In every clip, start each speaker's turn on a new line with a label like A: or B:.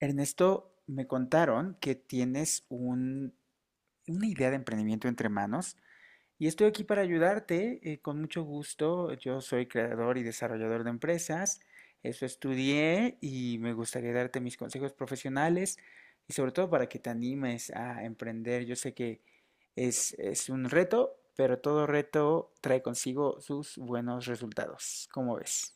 A: Ernesto, me contaron que una idea de emprendimiento entre manos y estoy aquí para ayudarte, con mucho gusto. Yo soy creador y desarrollador de empresas, eso estudié y me gustaría darte mis consejos profesionales y sobre todo para que te animes a emprender. Yo sé que es un reto, pero todo reto trae consigo sus buenos resultados. ¿Cómo ves?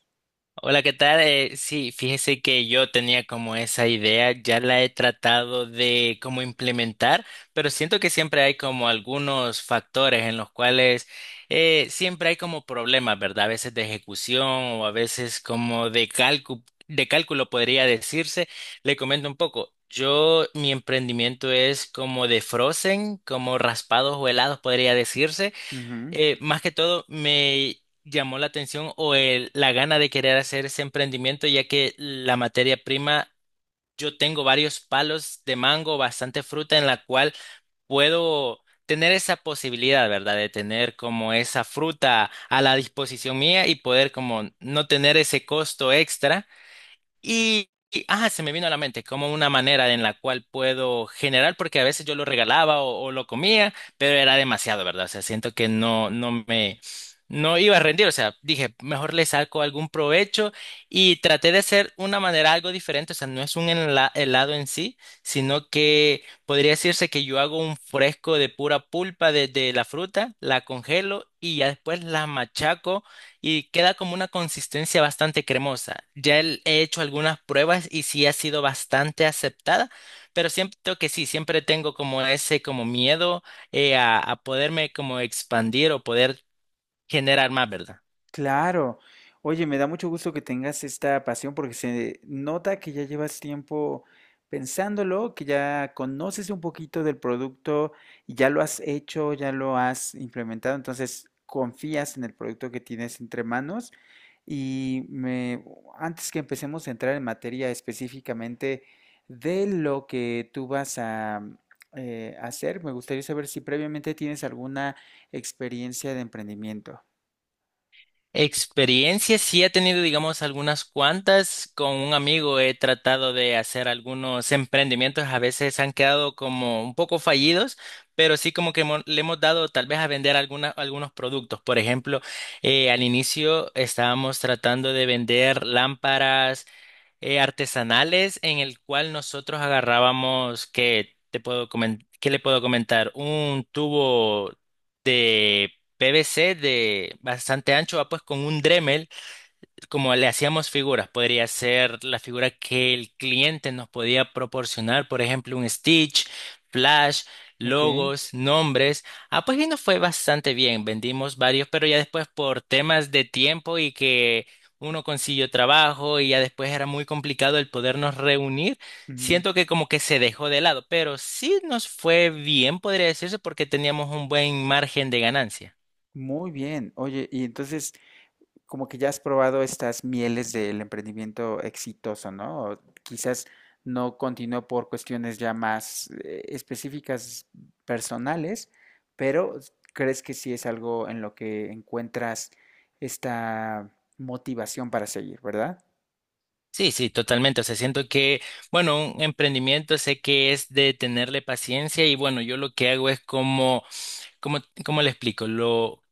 B: Hola, ¿qué tal? Sí, fíjese que yo tenía como esa idea, ya la he tratado de como implementar, pero siento que siempre hay como algunos factores en los cuales siempre hay como problemas, ¿verdad? A veces de ejecución o a veces como de cálculo podría decirse. Le comento un poco. Yo, mi emprendimiento es como de frozen, como raspados o helados podría decirse
A: Ujú.
B: eh, Más que todo me llamó la atención o la gana de querer hacer ese emprendimiento, ya que la materia prima, yo tengo varios palos de mango, bastante fruta en la cual puedo tener esa posibilidad, ¿verdad? De tener como esa fruta a la disposición mía y poder como no tener ese costo extra y se me vino a la mente como una manera en la cual puedo generar, porque a veces yo lo regalaba o lo comía, pero era demasiado, ¿verdad? O sea, siento que no, no iba a rendir. O sea, dije, mejor le saco algún provecho y traté de hacer una manera algo diferente. O sea, no es un helado en sí, sino que podría decirse que yo hago un fresco de pura pulpa de la fruta, la congelo y ya después la machaco y queda como una consistencia bastante cremosa. Ya he hecho algunas pruebas y sí ha sido bastante aceptada, pero siento que sí, siempre tengo como ese como miedo a poderme como expandir o poder generar más, ¿verdad?
A: Claro. Oye, me da mucho gusto que tengas esta pasión porque se nota que ya llevas tiempo pensándolo, que ya conoces un poquito del producto y ya lo has hecho, ya lo has implementado, entonces confías en el producto que tienes entre manos. Y me, antes que empecemos a entrar en materia específicamente de lo que tú vas a hacer, me gustaría saber si previamente tienes alguna experiencia de emprendimiento.
B: Experiencias, sí he tenido, digamos, algunas cuantas. Con un amigo he tratado de hacer algunos emprendimientos, a veces han quedado como un poco fallidos, pero sí como que le hemos dado tal vez a vender algunos productos. Por ejemplo, al inicio estábamos tratando de vender lámparas artesanales en el cual nosotros agarrábamos, que te puedo ¿qué le puedo comentar? Un tubo de PVC de bastante ancho, va pues con un Dremel como le hacíamos figuras, podría ser la figura que el cliente nos podía proporcionar, por ejemplo, un Stitch, Flash,
A: Ok.
B: logos, nombres. Ah, pues y nos fue bastante bien, vendimos varios, pero ya después por temas de tiempo y que uno consiguió trabajo y ya después era muy complicado el podernos reunir,
A: Ujú.
B: siento que como que se dejó de lado, pero sí nos fue bien, podría decirse, porque teníamos un buen margen de ganancia.
A: Muy bien. Oye, y entonces, como que ya has probado estas mieles del emprendimiento exitoso, ¿no? O quizás no continuó por cuestiones ya más específicas personales, pero ¿crees que sí es algo en lo que encuentras esta motivación para seguir, ¿verdad?
B: Sí, sí, totalmente. O sea, siento que, bueno, un emprendimiento sé que es de tenerle paciencia y bueno, yo lo que hago es como, ¿cómo le explico?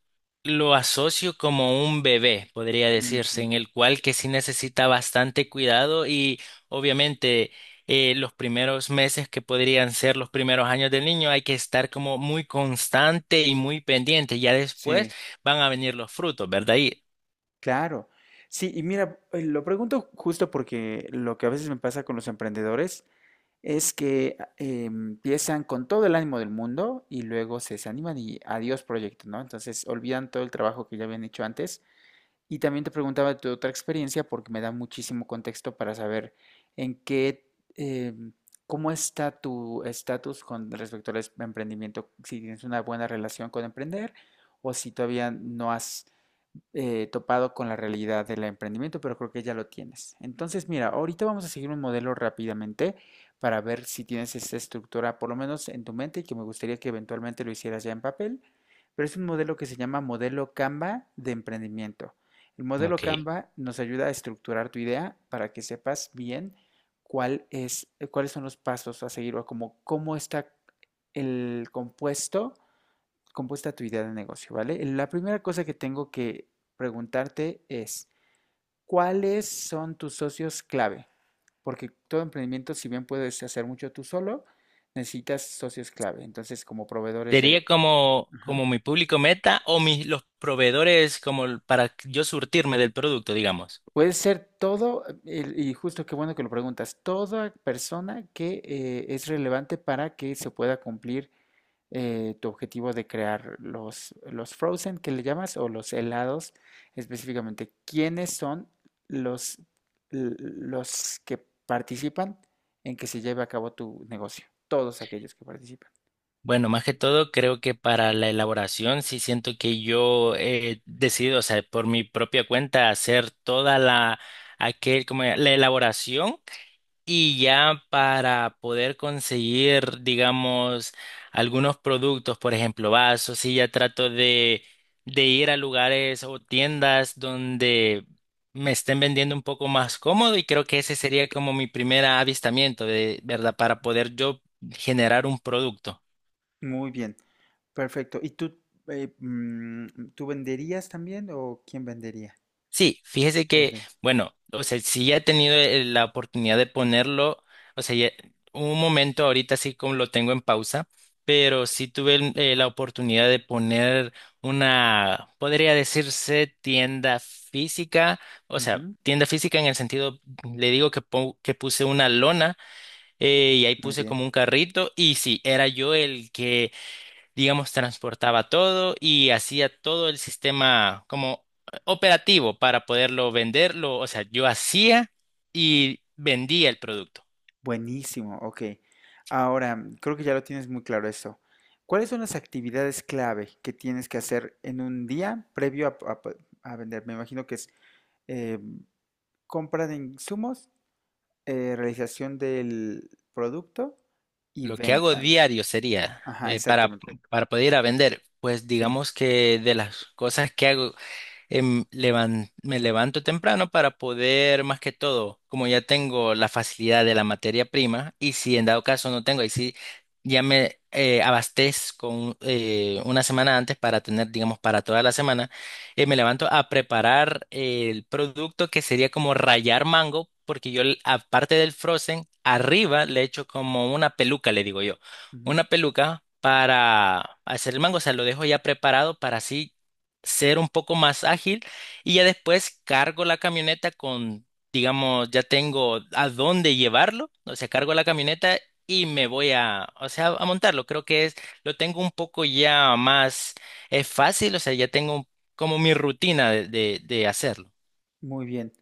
B: Lo asocio como un bebé, podría decirse,
A: Ujú.
B: en el cual que sí necesita bastante cuidado y obviamente los primeros meses que podrían ser los primeros años del niño hay que estar como muy constante y muy pendiente. Ya después
A: Sí,
B: van a venir los frutos, ¿verdad? Y,
A: claro. Sí, y mira, lo pregunto justo porque lo que a veces me pasa con los emprendedores es que empiezan con todo el ánimo del mundo y luego se desaniman y adiós proyecto, ¿no? Entonces olvidan todo el trabajo que ya habían hecho antes. Y también te preguntaba de tu otra experiencia porque me da muchísimo contexto para saber en qué, cómo está tu estatus con respecto al emprendimiento, si tienes una buena relación con emprender o si todavía no has topado con la realidad del emprendimiento, pero creo que ya lo tienes. Entonces, mira, ahorita vamos a seguir un modelo rápidamente para ver si tienes esta estructura, por lo menos en tu mente, y que me gustaría que eventualmente lo hicieras ya en papel, pero es un modelo que se llama modelo Canva de emprendimiento. El modelo
B: ok.
A: Canva nos ayuda a estructurar tu idea para que sepas bien cuál es, cuáles son los pasos a seguir o cómo está el compuesto compuesta tu idea de negocio, ¿vale? La primera cosa que tengo que preguntarte es, ¿cuáles son tus socios clave? Porque todo emprendimiento, si bien puedes hacer mucho tú solo, necesitas socios clave. Entonces, como proveedores
B: Sería
A: de...
B: como,
A: Ajá.
B: como mi público meta o mis, los proveedores como para yo surtirme del producto, digamos.
A: Puede ser todo, y justo qué bueno que lo preguntas, toda persona que es relevante para que se pueda cumplir tu objetivo de crear los frozen que le llamas o los helados específicamente. ¿Quiénes son los, los que participan en que se lleve a cabo tu negocio? Todos aquellos que participan.
B: Bueno, más que todo, creo que para la elaboración sí siento que yo he decidido, o sea, por mi propia cuenta, hacer toda la, aquel, como la elaboración. Y ya para poder conseguir, digamos, algunos productos, por ejemplo, vasos, sí, ya trato de ir a lugares o tiendas donde me estén vendiendo un poco más cómodo y creo que ese sería como mi primer avistamiento, de, ¿verdad? Para poder yo generar un producto.
A: Muy bien, perfecto. ¿Y tú, tú venderías también o quién vendería?
B: Sí, fíjese
A: Tú
B: que,
A: vende-
B: bueno, o sea, sí ya he tenido la oportunidad de ponerlo, o sea, un momento ahorita sí como lo tengo en pausa, pero sí tuve la oportunidad de poner una, podría decirse tienda física, o sea,
A: Ujú.
B: tienda física en el sentido, le digo que, que puse una lona y ahí
A: Muy
B: puse
A: bien.
B: como un carrito y sí, era yo el que digamos, transportaba todo y hacía todo el sistema como operativo para poderlo venderlo. O sea, yo hacía y vendía el producto.
A: Buenísimo, ok. Ahora, creo que ya lo tienes muy claro eso. ¿Cuáles son las actividades clave que tienes que hacer en un día previo a, pues, a vender? Me imagino que es eh, compra de insumos, realización del producto y
B: Lo que hago
A: venta.
B: diario sería
A: Ajá, exactamente.
B: para poder ir a vender. Pues
A: Sí.
B: digamos que de las cosas que hago me levanto temprano para poder, más que todo, como ya tengo la facilidad de la materia prima, y si en dado caso no tengo, ahí sí ya me abastezco una semana antes para tener, digamos, para toda la semana, me levanto a preparar el producto que sería como rayar mango, porque yo, aparte del frozen, arriba le echo como una peluca, le digo yo, una peluca, para hacer el mango, o sea, lo dejo ya preparado para así ser un poco más ágil y ya después cargo la camioneta con, digamos, ya tengo a dónde llevarlo, o sea, cargo la camioneta y me voy a, o sea, a montarlo. Creo que es, lo tengo un poco ya más, es fácil, o sea, ya tengo como mi rutina de hacerlo.
A: Muy bien,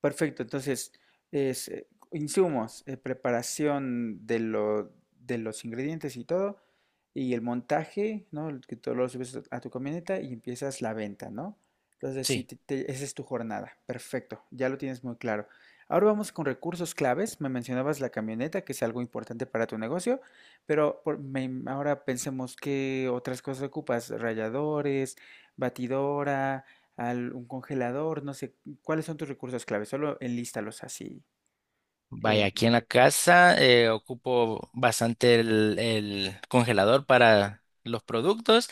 A: perfecto. Entonces, es, insumos, preparación de, de los ingredientes y todo, y el montaje, ¿no? El que todo lo subes a tu camioneta y empiezas la venta, ¿no? Entonces, sí,
B: Sí.
A: esa es tu jornada. Perfecto, ya lo tienes muy claro. Ahora vamos con recursos claves. Me mencionabas la camioneta, que es algo importante para tu negocio, pero ahora pensemos qué otras cosas ocupas, ralladores, batidora un congelador, no sé, ¿cuáles son tus recursos clave? Solo enlístalos así.
B: Vaya,
A: Eh,
B: aquí en la casa ocupo bastante el congelador para los productos.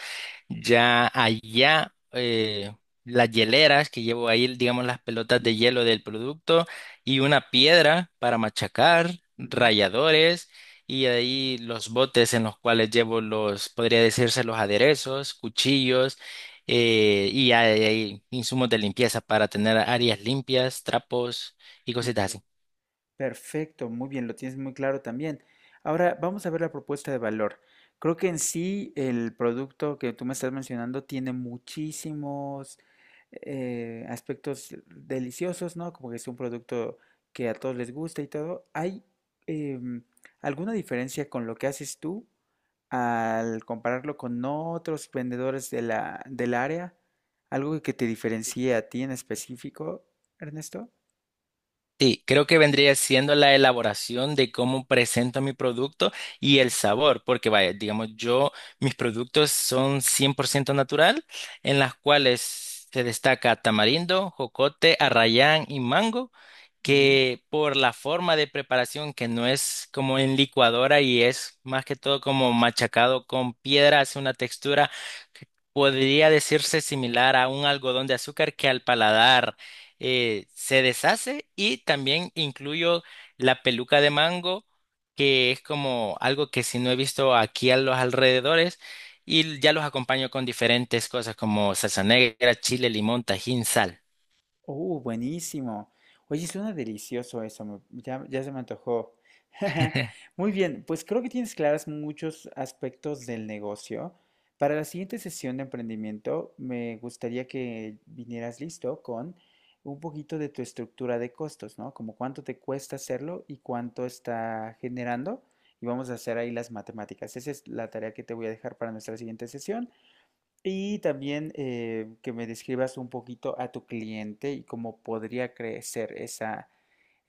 B: Ya allá las hieleras que llevo ahí, digamos las pelotas de hielo del producto y una piedra para machacar,
A: ujú.
B: ralladores y ahí los botes en los cuales llevo los, podría decirse los aderezos, cuchillos y hay insumos de limpieza para tener áreas limpias, trapos y
A: Muy
B: cositas
A: bien.
B: así.
A: Perfecto, muy bien, lo tienes muy claro también. Ahora vamos a ver la propuesta de valor. Creo que en sí el producto que tú me estás mencionando tiene muchísimos aspectos deliciosos, ¿no? Como que es un producto que a todos les gusta y todo. ¿Hay em, alguna diferencia con lo que haces tú al compararlo con otros vendedores de del área? ¿Algo que te diferencie a ti en específico, Ernesto?
B: Sí, creo que vendría siendo la elaboración de cómo presento mi producto y el
A: Ujú.
B: sabor, porque vaya, digamos, yo, mis productos son 100% natural, en las cuales se destaca tamarindo, jocote, arrayán y mango,
A: Ujú.
B: que por la forma de preparación, que no es como en licuadora y es más que todo como machacado con piedra, hace una textura que podría decirse similar a un algodón de azúcar que al paladar se deshace y también incluyo la peluca de mango, que es como algo que si no he visto aquí a los alrededores y ya los acompaño con diferentes cosas como salsa negra, chile, limón, tajín, sal.
A: Buenísimo. Oye, suena delicioso eso, ya, ya se me antojó. Muy bien, pues creo que tienes claras muchos aspectos del negocio. Para la siguiente sesión de emprendimiento, me gustaría que vinieras listo con un poquito de tu estructura de costos, ¿no? Como cuánto te cuesta hacerlo y cuánto está generando. Y vamos a hacer ahí las matemáticas. Esa es la tarea que te voy a dejar para nuestra siguiente sesión. Y también que me describas un poquito a tu cliente y cómo podría crecer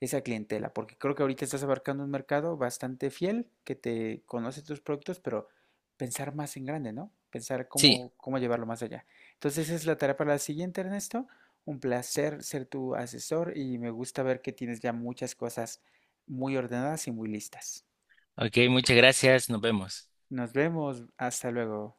A: esa clientela, porque creo que ahorita estás abarcando un mercado bastante fiel que te conoce tus productos, pero pensar más en grande, ¿no? Pensar
B: Sí,
A: cómo llevarlo más allá. Entonces, esa es la tarea para la siguiente, Ernesto. Un placer ser tu asesor y me gusta ver que tienes ya muchas cosas muy ordenadas y muy listas.
B: ok, muchas gracias, nos vemos.
A: Nos vemos. Hasta luego.